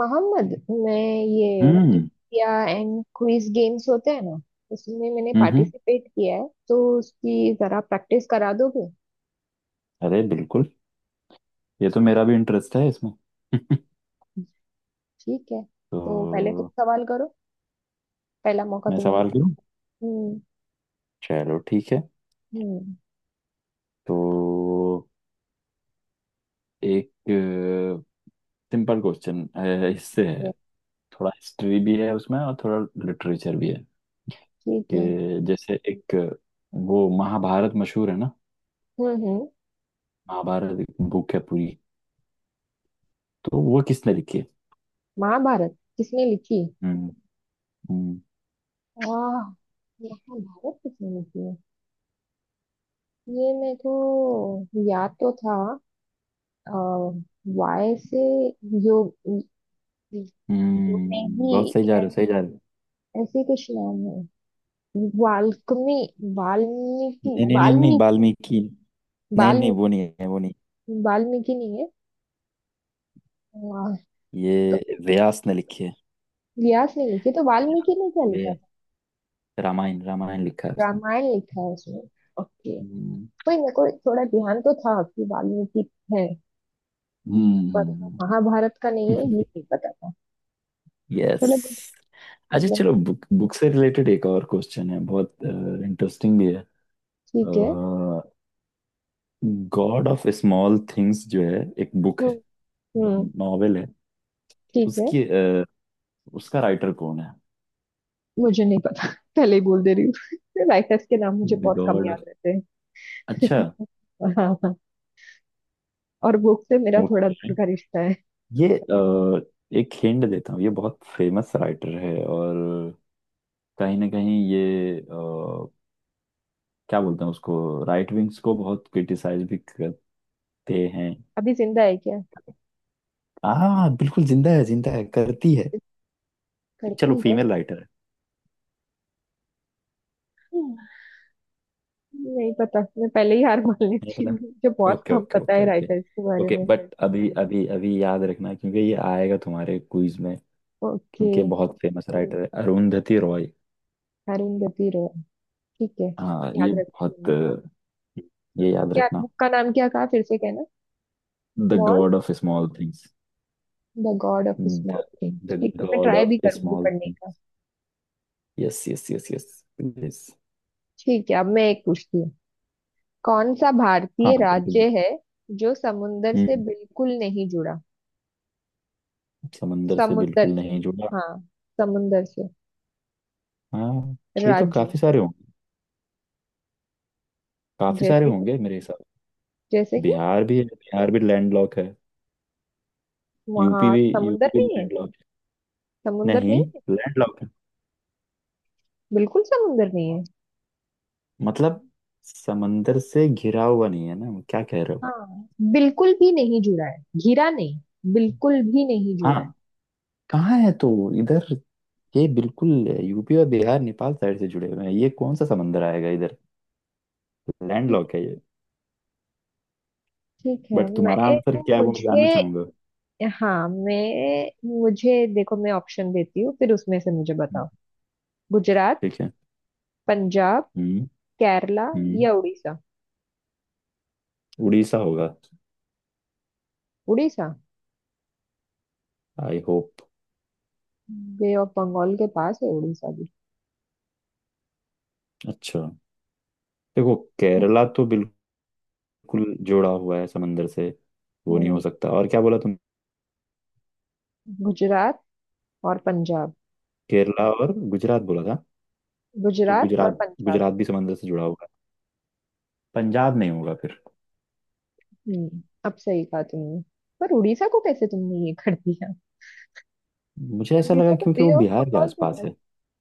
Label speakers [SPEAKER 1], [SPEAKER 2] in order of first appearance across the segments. [SPEAKER 1] मोहम्मद मैं ये
[SPEAKER 2] हम्म।
[SPEAKER 1] ट्रिविया एंड क्विज गेम्स होते हैं ना, उसमें मैंने
[SPEAKER 2] हम्म।
[SPEAKER 1] पार्टिसिपेट किया है, तो उसकी जरा प्रैक्टिस करा दोगे।
[SPEAKER 2] अरे बिल्कुल! ये तो मेरा भी इंटरेस्ट है इसमें।
[SPEAKER 1] ठीक है, तो पहले तुम
[SPEAKER 2] तो
[SPEAKER 1] सवाल करो, पहला मौका
[SPEAKER 2] मैं
[SPEAKER 1] तुम्हें दो।
[SPEAKER 2] सवाल करूं?
[SPEAKER 1] हम्म।
[SPEAKER 2] चलो ठीक है।
[SPEAKER 1] हम्म।
[SPEAKER 2] तो एक सिंपल क्वेश्चन इससे है।
[SPEAKER 1] ये,
[SPEAKER 2] थोड़ा हिस्ट्री भी है उसमें और थोड़ा लिटरेचर भी है।
[SPEAKER 1] ठीक है।
[SPEAKER 2] कि जैसे एक वो महाभारत मशहूर है ना।
[SPEAKER 1] हम्म। हम्म।
[SPEAKER 2] महाभारत एक बुक है पूरी, तो वो किसने लिखी है?
[SPEAKER 1] महाभारत किसने लिखी।
[SPEAKER 2] हम्म। हम्म।
[SPEAKER 1] वाह, महाभारत किसने लिखी है। ये मेरे को याद तो था। अ, वाय से योग, योग में
[SPEAKER 2] बहुत
[SPEAKER 1] ही,
[SPEAKER 2] सही जा रहे
[SPEAKER 1] ऐ-
[SPEAKER 2] हो, सही जा रहे हो।
[SPEAKER 1] ऐसे कुछ नाम है। वाल्मीकि वाल्मीकि
[SPEAKER 2] नहीं नहीं नहीं नहीं,
[SPEAKER 1] वाल्मीकि।
[SPEAKER 2] वाल्मीकि नहीं नहीं, वो
[SPEAKER 1] वाल्मीकि,
[SPEAKER 2] नहीं है, वो नहीं।
[SPEAKER 1] वाल्मीकि नहीं है। वाह, तो
[SPEAKER 2] ये व्यास ने लिखी है।
[SPEAKER 1] व्यास ने लिखी, तो वाल्मीकि
[SPEAKER 2] व्या,
[SPEAKER 1] ने क्या लिखा
[SPEAKER 2] व्या,
[SPEAKER 1] था।
[SPEAKER 2] रामायण रामायण लिखा है उसने।
[SPEAKER 1] रामायण लिखा है उसने। ओके।
[SPEAKER 2] हम्म।
[SPEAKER 1] कोई मेरे को थोड़ा ध्यान तो था कि वाल्मीकि है, पर वो
[SPEAKER 2] हम्म।
[SPEAKER 1] महाभारत का नहीं है ये नहीं पता था।
[SPEAKER 2] यस।
[SPEAKER 1] चलो good,
[SPEAKER 2] अच्छा
[SPEAKER 1] मतलब।
[SPEAKER 2] चलो, बुक बुक से रिलेटेड एक और क्वेश्चन है, बहुत इंटरेस्टिंग भी है।
[SPEAKER 1] ठीक है।
[SPEAKER 2] गॉड ऑफ स्मॉल थिंग्स जो है, एक बुक है,
[SPEAKER 1] हम्म। हम्म,
[SPEAKER 2] नॉवेल है।
[SPEAKER 1] ठीक है।
[SPEAKER 2] उसकी उसका राइटर कौन है?
[SPEAKER 1] मुझे नहीं पता पहले ही बोल दे रही हूँ राइटर्स के नाम मुझे बहुत कम
[SPEAKER 2] गॉड
[SPEAKER 1] याद
[SPEAKER 2] ऑफ।
[SPEAKER 1] रहते हैं।
[SPEAKER 2] अच्छा।
[SPEAKER 1] हाँ हाँ, और बुक से मेरा थोड़ा दूर
[SPEAKER 2] ओके।
[SPEAKER 1] का रिश्ता है।
[SPEAKER 2] ये एक हिंट देता हूँ। ये बहुत फेमस राइटर है, और कहीं ना कहीं ये क्या बोलते हैं उसको, राइट विंग्स को बहुत क्रिटिसाइज भी करते हैं।
[SPEAKER 1] अभी जिंदा है क्या।
[SPEAKER 2] हाँ बिल्कुल जिंदा है, जिंदा है, करती है। चलो,
[SPEAKER 1] करती ओ,
[SPEAKER 2] फीमेल राइटर है।
[SPEAKER 1] नहीं पता, मैं पहले ही हार मान
[SPEAKER 2] नहीं
[SPEAKER 1] लेती
[SPEAKER 2] पता।
[SPEAKER 1] हूँ, मुझे बहुत
[SPEAKER 2] ओके
[SPEAKER 1] कम
[SPEAKER 2] ओके
[SPEAKER 1] पता
[SPEAKER 2] ओके
[SPEAKER 1] है
[SPEAKER 2] ओके।
[SPEAKER 1] राइटर्स के बारे
[SPEAKER 2] ओके
[SPEAKER 1] में।
[SPEAKER 2] बट अभी अभी अभी याद रखना क्योंकि ये आएगा तुम्हारे क्विज में,
[SPEAKER 1] ओके।
[SPEAKER 2] क्योंकि बहुत फेमस राइटर है, अरुंधति रॉय।
[SPEAKER 1] अरुण गति रॉय, ठीक है,
[SPEAKER 2] हाँ ये
[SPEAKER 1] याद रखती हूँ
[SPEAKER 2] बहुत
[SPEAKER 1] मैं।
[SPEAKER 2] ये याद
[SPEAKER 1] क्या
[SPEAKER 2] रखना।
[SPEAKER 1] बुक का नाम क्या कहा, फिर से कहना।
[SPEAKER 2] The
[SPEAKER 1] small,
[SPEAKER 2] god of small things.
[SPEAKER 1] The god of small thing,
[SPEAKER 2] the
[SPEAKER 1] ठीक है, मैं
[SPEAKER 2] गॉड
[SPEAKER 1] ट्राई
[SPEAKER 2] ऑफ
[SPEAKER 1] भी करूंगी
[SPEAKER 2] स्मॉल
[SPEAKER 1] पढ़ने का।
[SPEAKER 2] Things. Yes yes yes yes.
[SPEAKER 1] ठीक है, अब मैं एक पूछती हूँ। कौन सा
[SPEAKER 2] हाँ
[SPEAKER 1] भारतीय
[SPEAKER 2] बिल्कुल भी।
[SPEAKER 1] राज्य है जो समुंदर से
[SPEAKER 2] हम्म।
[SPEAKER 1] बिल्कुल नहीं जुड़ा।
[SPEAKER 2] समंदर से
[SPEAKER 1] समुंदर
[SPEAKER 2] बिल्कुल
[SPEAKER 1] से,
[SPEAKER 2] नहीं जुड़ा?
[SPEAKER 1] हाँ, समुंदर से।
[SPEAKER 2] हाँ, ये तो
[SPEAKER 1] राज्य,
[SPEAKER 2] काफी सारे होंगे। काफी सारे
[SPEAKER 1] जैसे कि,
[SPEAKER 2] होंगे मेरे हिसाब
[SPEAKER 1] जैसे
[SPEAKER 2] से।
[SPEAKER 1] कि।
[SPEAKER 2] बिहार भी है, बिहार भी लैंडलॉक है। यूपी
[SPEAKER 1] वहां
[SPEAKER 2] भी, यूपी
[SPEAKER 1] समुंदर
[SPEAKER 2] भी
[SPEAKER 1] नहीं है।
[SPEAKER 2] लैंडलॉक है।
[SPEAKER 1] समुंदर
[SPEAKER 2] नहीं,
[SPEAKER 1] नहीं है।
[SPEAKER 2] लैंडलॉक है।
[SPEAKER 1] बिल्कुल समुंदर नहीं है।
[SPEAKER 2] मतलब समंदर से घिरा हुआ नहीं है ना, क्या कह रहे हो?
[SPEAKER 1] हाँ, बिल्कुल भी नहीं जुड़ा है, घिरा नहीं, बिल्कुल भी नहीं जुड़ा है।
[SPEAKER 2] हाँ। कहाँ है तो? इधर ये बिल्कुल, यूपी और बिहार नेपाल साइड से जुड़े हुए हैं, ये कौन सा समंदर आएगा इधर।
[SPEAKER 1] ठीक,
[SPEAKER 2] लैंडलॉक है ये।
[SPEAKER 1] ठीक है।
[SPEAKER 2] बट
[SPEAKER 1] मैं
[SPEAKER 2] तुम्हारा आंसर
[SPEAKER 1] एक,
[SPEAKER 2] क्या है वो मैं
[SPEAKER 1] मुझे,
[SPEAKER 2] जानना चाहूंगा।
[SPEAKER 1] हाँ, मैं, मुझे देखो, मैं ऑप्शन देती हूँ, फिर उसमें से मुझे
[SPEAKER 2] हम्म,
[SPEAKER 1] बताओ। गुजरात,
[SPEAKER 2] ठीक है।
[SPEAKER 1] पंजाब,
[SPEAKER 2] हम्म।
[SPEAKER 1] केरला,
[SPEAKER 2] हम्म।
[SPEAKER 1] या उड़ीसा।
[SPEAKER 2] उड़ीसा होगा।
[SPEAKER 1] Orissa,
[SPEAKER 2] I hope.
[SPEAKER 1] Bay of Bengal के पास है उड़ीसा भी।
[SPEAKER 2] अच्छा, देखो केरला तो बिल्कुल जुड़ा हुआ है समंदर से, वो नहीं हो
[SPEAKER 1] हम्म,
[SPEAKER 2] सकता। और क्या बोला तुम,
[SPEAKER 1] गुजरात और पंजाब।
[SPEAKER 2] केरला और गुजरात बोला था? तो
[SPEAKER 1] गुजरात और
[SPEAKER 2] गुजरात,
[SPEAKER 1] पंजाब।
[SPEAKER 2] गुजरात भी समंदर से जुड़ा हुआ है। पंजाब नहीं होगा फिर।
[SPEAKER 1] हम्म, अब सही कहा तुमने, पर उड़ीसा को कैसे तुमने ये कर दिया।
[SPEAKER 2] मुझे ऐसा
[SPEAKER 1] वीजा
[SPEAKER 2] लगा
[SPEAKER 1] तो
[SPEAKER 2] क्योंकि वो
[SPEAKER 1] बे ऑफ
[SPEAKER 2] बिहार के
[SPEAKER 1] बंगाल के
[SPEAKER 2] आसपास
[SPEAKER 1] पास,
[SPEAKER 2] है।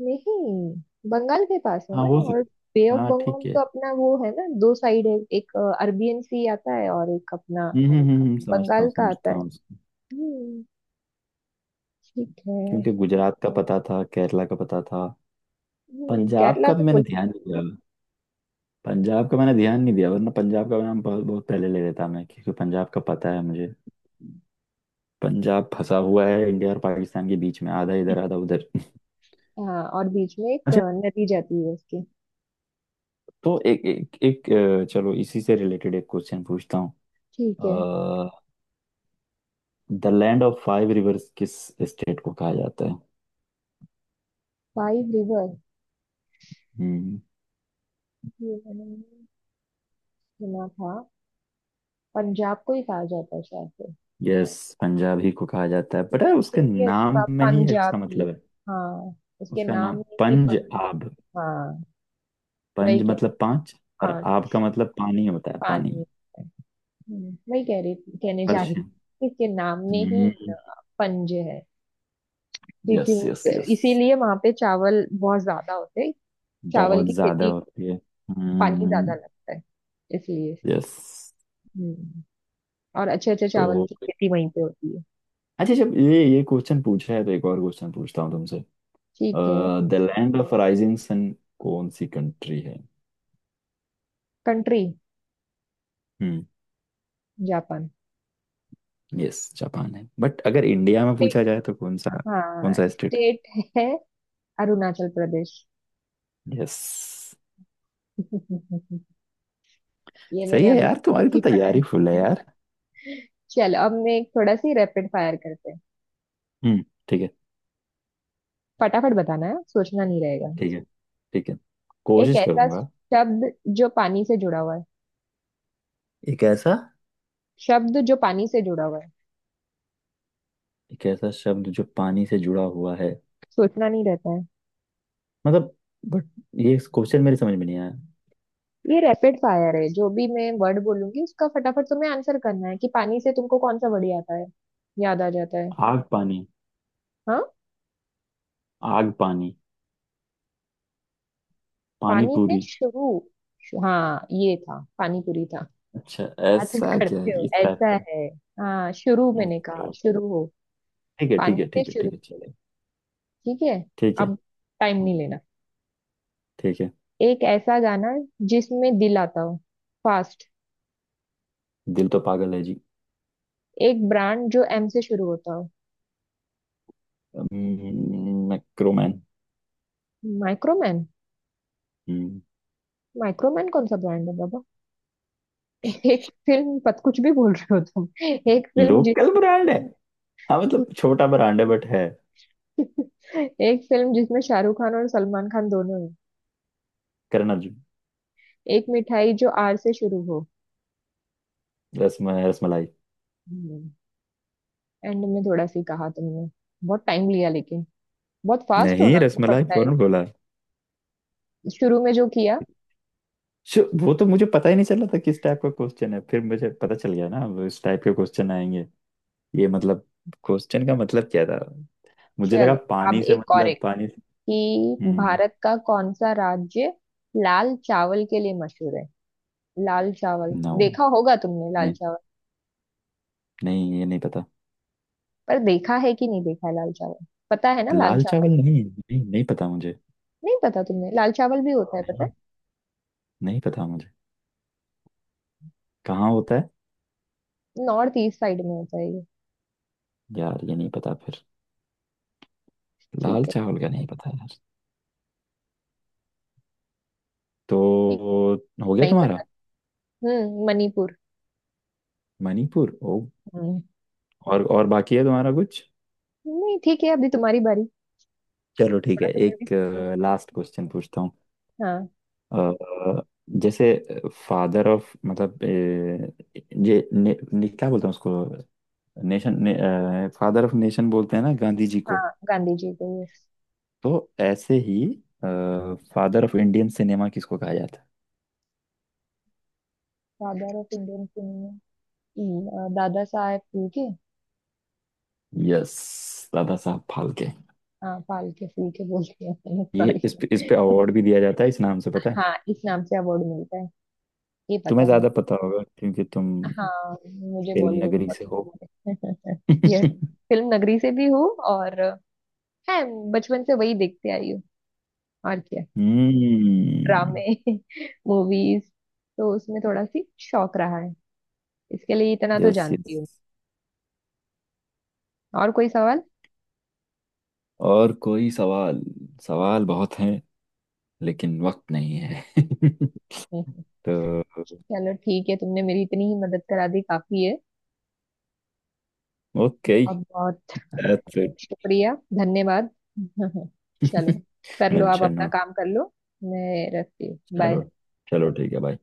[SPEAKER 1] नहीं, बंगाल के पास है
[SPEAKER 2] हाँ
[SPEAKER 1] ना,
[SPEAKER 2] हो
[SPEAKER 1] और बे
[SPEAKER 2] सकता,
[SPEAKER 1] ऑफ
[SPEAKER 2] हाँ
[SPEAKER 1] बंगाल
[SPEAKER 2] ठीक है।
[SPEAKER 1] तो अपना वो है ना, दो साइड है, एक अरबियन सी आता है और एक अपना
[SPEAKER 2] समझता
[SPEAKER 1] बंगाल
[SPEAKER 2] हूँ,
[SPEAKER 1] का आता
[SPEAKER 2] समझता
[SPEAKER 1] है।
[SPEAKER 2] हूँ उसको।
[SPEAKER 1] हम्म, ठीक है।
[SPEAKER 2] क्योंकि गुजरात का पता था, केरला का पता था,
[SPEAKER 1] हम्म,
[SPEAKER 2] पंजाब
[SPEAKER 1] केरला
[SPEAKER 2] का भी
[SPEAKER 1] तो
[SPEAKER 2] मैंने
[SPEAKER 1] बोली।
[SPEAKER 2] ध्यान नहीं दिया। पंजाब का मैंने ध्यान नहीं दिया, वरना पंजाब का नाम बहुत बहुत पहले ले लेता मैं, क्योंकि पंजाब का पता है मुझे। पंजाब फंसा हुआ है इंडिया और पाकिस्तान के बीच में, आधा इधर आधा उधर।
[SPEAKER 1] हाँ, और बीच में एक
[SPEAKER 2] अच्छा।
[SPEAKER 1] नदी जाती है उसके।
[SPEAKER 2] तो एक एक एक अ, चलो इसी से रिलेटेड एक क्वेश्चन पूछता हूँ।
[SPEAKER 1] ठीक है।
[SPEAKER 2] The land of five rivers किस स्टेट को कहा जाता है?
[SPEAKER 1] फाइव रिवर,
[SPEAKER 2] हम्म।
[SPEAKER 1] ये मैंने नहीं सुना था। पंजाब को ही कहा जाता है शायद से।
[SPEAKER 2] यस, पंजाब ही को कहा जाता है।
[SPEAKER 1] ठीक
[SPEAKER 2] पता है,
[SPEAKER 1] है,
[SPEAKER 2] उसके
[SPEAKER 1] इसलिए उसका
[SPEAKER 2] नाम में ही है, उसका
[SPEAKER 1] पंजाबी है।
[SPEAKER 2] मतलब है।
[SPEAKER 1] हाँ, उसके
[SPEAKER 2] उसका
[SPEAKER 1] नाम
[SPEAKER 2] नाम
[SPEAKER 1] में ही
[SPEAKER 2] पंज आब।
[SPEAKER 1] पंजाब, हाँ, वही
[SPEAKER 2] पंज
[SPEAKER 1] कह रही हूँ।
[SPEAKER 2] मतलब पांच, और
[SPEAKER 1] पान,
[SPEAKER 2] आब का मतलब पानी होता है,
[SPEAKER 1] पानी
[SPEAKER 2] पानी।
[SPEAKER 1] है। वही कह रही थी, कहने जा रही
[SPEAKER 2] पर्शियन।
[SPEAKER 1] थी, इसके नाम में ही पंजे हैं, क्योंकि
[SPEAKER 2] यस
[SPEAKER 1] वो,
[SPEAKER 2] यस यस।
[SPEAKER 1] इसीलिए वहां पे चावल बहुत ज्यादा होते हैं, चावल
[SPEAKER 2] बहुत
[SPEAKER 1] की
[SPEAKER 2] ज्यादा
[SPEAKER 1] खेती,
[SPEAKER 2] होती है।
[SPEAKER 1] पानी
[SPEAKER 2] हम्म।
[SPEAKER 1] ज्यादा लगता है इसलिए।
[SPEAKER 2] यस।
[SPEAKER 1] हम्म, और अच्छे अच्छे
[SPEAKER 2] तो
[SPEAKER 1] चावल की खेती वहीं पे होती है।
[SPEAKER 2] अच्छा, जब ये क्वेश्चन पूछा है तो एक और क्वेश्चन पूछता हूँ तुमसे।
[SPEAKER 1] ठीक है।
[SPEAKER 2] The land of rising sun कौन सी कंट्री है?
[SPEAKER 1] कंट्री,
[SPEAKER 2] हम्म।
[SPEAKER 1] जापान।
[SPEAKER 2] यस, जापान है। बट अगर इंडिया में पूछा
[SPEAKER 1] स्टेट,
[SPEAKER 2] जाए तो कौन सा, कौन
[SPEAKER 1] हाँ
[SPEAKER 2] सा स्टेट?
[SPEAKER 1] स्टेट है, अरुणाचल प्रदेश।
[SPEAKER 2] यस,
[SPEAKER 1] ये
[SPEAKER 2] सही
[SPEAKER 1] मैंने
[SPEAKER 2] है
[SPEAKER 1] अभी
[SPEAKER 2] यार, तुम्हारी तो
[SPEAKER 1] ही पढ़ा
[SPEAKER 2] तैयारी फुल है
[SPEAKER 1] है।
[SPEAKER 2] यार।
[SPEAKER 1] चलो, अब मैं एक थोड़ा सी रैपिड फायर करते हैं।
[SPEAKER 2] हम्म। ठीक है।
[SPEAKER 1] फटाफट बताना है, सोचना नहीं रहेगा।
[SPEAKER 2] ठीक है ठीक है,
[SPEAKER 1] एक
[SPEAKER 2] कोशिश
[SPEAKER 1] ऐसा
[SPEAKER 2] करूंगा।
[SPEAKER 1] शब्द जो पानी से जुड़ा हुआ है।
[SPEAKER 2] एक ऐसा,
[SPEAKER 1] शब्द जो पानी से जुड़ा हुआ है,
[SPEAKER 2] एक ऐसा शब्द जो पानी से जुड़ा हुआ है?
[SPEAKER 1] सोचना नहीं रहता है।
[SPEAKER 2] मतलब, बट ये क्वेश्चन मेरे समझ में नहीं आया।
[SPEAKER 1] ये रैपिड फायर है, जो भी मैं वर्ड बोलूंगी उसका फटाफट तुम्हें आंसर करना है, कि पानी से तुमको कौन सा वर्ड आता है, याद आ जाता है।
[SPEAKER 2] आग पानी।
[SPEAKER 1] हाँ,
[SPEAKER 2] आग पानी। पानी
[SPEAKER 1] पानी से
[SPEAKER 2] पूरी।
[SPEAKER 1] शुरू। हाँ ये था, पानी पूरी था।
[SPEAKER 2] अच्छा,
[SPEAKER 1] क्या तुम
[SPEAKER 2] ऐसा क्या
[SPEAKER 1] करते
[SPEAKER 2] है
[SPEAKER 1] हो
[SPEAKER 2] इस टाइप
[SPEAKER 1] ऐसा
[SPEAKER 2] का।
[SPEAKER 1] है, हाँ, शुरू मैंने
[SPEAKER 2] ओके
[SPEAKER 1] कहा,
[SPEAKER 2] ओके,
[SPEAKER 1] शुरू हो।
[SPEAKER 2] ठीक है ठीक
[SPEAKER 1] पानी
[SPEAKER 2] है
[SPEAKER 1] से
[SPEAKER 2] ठीक है
[SPEAKER 1] शुरू,
[SPEAKER 2] ठीक है, चले।
[SPEAKER 1] ठीक है।
[SPEAKER 2] ठीक है।
[SPEAKER 1] अब, टाइम नहीं
[SPEAKER 2] हम्म,
[SPEAKER 1] लेना।
[SPEAKER 2] ठीक है।
[SPEAKER 1] एक ऐसा गाना जिसमें दिल आता हो, फास्ट।
[SPEAKER 2] दिल तो पागल है जी।
[SPEAKER 1] एक ब्रांड जो एम से शुरू होता हो।
[SPEAKER 2] मैक्रोमैन।
[SPEAKER 1] माइक्रोमैन,
[SPEAKER 2] हम्म,
[SPEAKER 1] माइक्रोमैन कौन सा ब्रांड है बाबा। एक फिल्म पत, कुछ भी बोल रहे हो तुम। एक फिल्म जिस,
[SPEAKER 2] लोकल ब्रांड है। हाँ मतलब छोटा ब्रांड है, बट है।
[SPEAKER 1] एक फिल्म जिसमें शाहरुख खान और सलमान खान दोनों हैं।
[SPEAKER 2] करना जी।
[SPEAKER 1] एक मिठाई जो आर से शुरू हो।
[SPEAKER 2] रसम, रसमलाई।
[SPEAKER 1] एंड में थोड़ा सी कहा तुमने, बहुत टाइम लिया लेकिन, बहुत फास्ट
[SPEAKER 2] नहीं,
[SPEAKER 1] होना
[SPEAKER 2] रसमलाई
[SPEAKER 1] पड़ता है,
[SPEAKER 2] फौरन बोला।
[SPEAKER 1] शुरू में जो किया।
[SPEAKER 2] वो तो मुझे पता ही नहीं चला था किस टाइप का क्वेश्चन है, फिर मुझे पता चल गया ना वो इस टाइप के क्वेश्चन आएंगे। ये मतलब, क्वेश्चन का मतलब क्या था? मुझे लगा
[SPEAKER 1] चलो, अब
[SPEAKER 2] पानी से
[SPEAKER 1] एक और,
[SPEAKER 2] मतलब पानी से।
[SPEAKER 1] कि
[SPEAKER 2] हम्म।
[SPEAKER 1] भारत का कौन सा राज्य लाल चावल के लिए मशहूर है। लाल चावल
[SPEAKER 2] नो,
[SPEAKER 1] देखा होगा तुमने, लाल चावल
[SPEAKER 2] नहीं ये नहीं पता।
[SPEAKER 1] पर देखा है कि नहीं देखा है, लाल चावल पता है ना, लाल
[SPEAKER 2] लाल
[SPEAKER 1] चावल।
[SPEAKER 2] चावल नहीं नहीं, नहीं पता मुझे।
[SPEAKER 1] नहीं पता तुमने, लाल चावल भी होता है, पता
[SPEAKER 2] नहीं, नहीं पता मुझे, कहाँ होता है?
[SPEAKER 1] है, नॉर्थ ईस्ट साइड में होता है ये।
[SPEAKER 2] यार, ये नहीं पता फिर। लाल
[SPEAKER 1] ठीक है, नहीं
[SPEAKER 2] चावल का
[SPEAKER 1] पता।
[SPEAKER 2] नहीं पता यार। तो
[SPEAKER 1] ठीक
[SPEAKER 2] हो गया
[SPEAKER 1] है, नहीं
[SPEAKER 2] तुम्हारा?
[SPEAKER 1] बता। हम्म, मणिपुर।
[SPEAKER 2] मणिपुर, ओ।
[SPEAKER 1] हम्म।
[SPEAKER 2] और बाकी है तुम्हारा कुछ?
[SPEAKER 1] नहीं, ठीक है, अभी तुम्हारी बारी,
[SPEAKER 2] चलो ठीक
[SPEAKER 1] थोड़ा
[SPEAKER 2] है,
[SPEAKER 1] तो मैं भी
[SPEAKER 2] एक
[SPEAKER 1] सोचूंगी।
[SPEAKER 2] लास्ट क्वेश्चन पूछता हूँ।
[SPEAKER 1] हाँ।
[SPEAKER 2] अ, जैसे फादर ऑफ, मतलब ये क्या बोलते हैं उसको, नेशन, फादर ऑफ नेशन बोलते हैं ना गांधी जी को।
[SPEAKER 1] हाँ, गांधी जी को, यस।
[SPEAKER 2] तो ऐसे ही, फादर ऑफ इंडियन सिनेमा किसको कहा जाता
[SPEAKER 1] father of Indian, Dada Saheb फूके।
[SPEAKER 2] है? यस, दादा साहब फाल्के।
[SPEAKER 1] हाँ फाल्के, फूके बोलते हैं
[SPEAKER 2] ये
[SPEAKER 1] सॉरी।
[SPEAKER 2] इस पे, इस पे अवार्ड भी दिया जाता है इस नाम से, पता है?
[SPEAKER 1] हाँ, इस नाम से अवार्ड मिलता है, ये पता
[SPEAKER 2] तुम्हें
[SPEAKER 1] है
[SPEAKER 2] ज्यादा
[SPEAKER 1] मुझे।
[SPEAKER 2] पता होगा क्योंकि तुम
[SPEAKER 1] हाँ, मुझे
[SPEAKER 2] फिल्म
[SPEAKER 1] बॉलीवुड
[SPEAKER 2] नगरी
[SPEAKER 1] बहुत
[SPEAKER 2] से हो।
[SPEAKER 1] पसंद है यस,
[SPEAKER 2] हम्म।
[SPEAKER 1] फिल्म नगरी से भी हूँ, और है, बचपन से वही देखते आई हूँ, और क्या, ड्रामे मूवीज, तो उसमें थोड़ा सी शौक रहा है, इसके लिए इतना तो
[SPEAKER 2] यस यस।
[SPEAKER 1] जानती हूँ। और कोई सवाल।
[SPEAKER 2] और कोई सवाल? सवाल बहुत हैं, लेकिन वक्त नहीं है।
[SPEAKER 1] हम्म,
[SPEAKER 2] तो
[SPEAKER 1] चलो ठीक है, तुमने मेरी इतनी ही मदद करा दी काफी है,
[SPEAKER 2] ओके,
[SPEAKER 1] और बहुत
[SPEAKER 2] दैट्स इट।
[SPEAKER 1] शुक्रिया, धन्यवाद। चलो, कर लो आप,
[SPEAKER 2] मेंशन
[SPEAKER 1] अपना
[SPEAKER 2] नोट।
[SPEAKER 1] काम कर लो, मैं रखती हूँ, बाय।
[SPEAKER 2] चलो। चलो ठीक है भाई।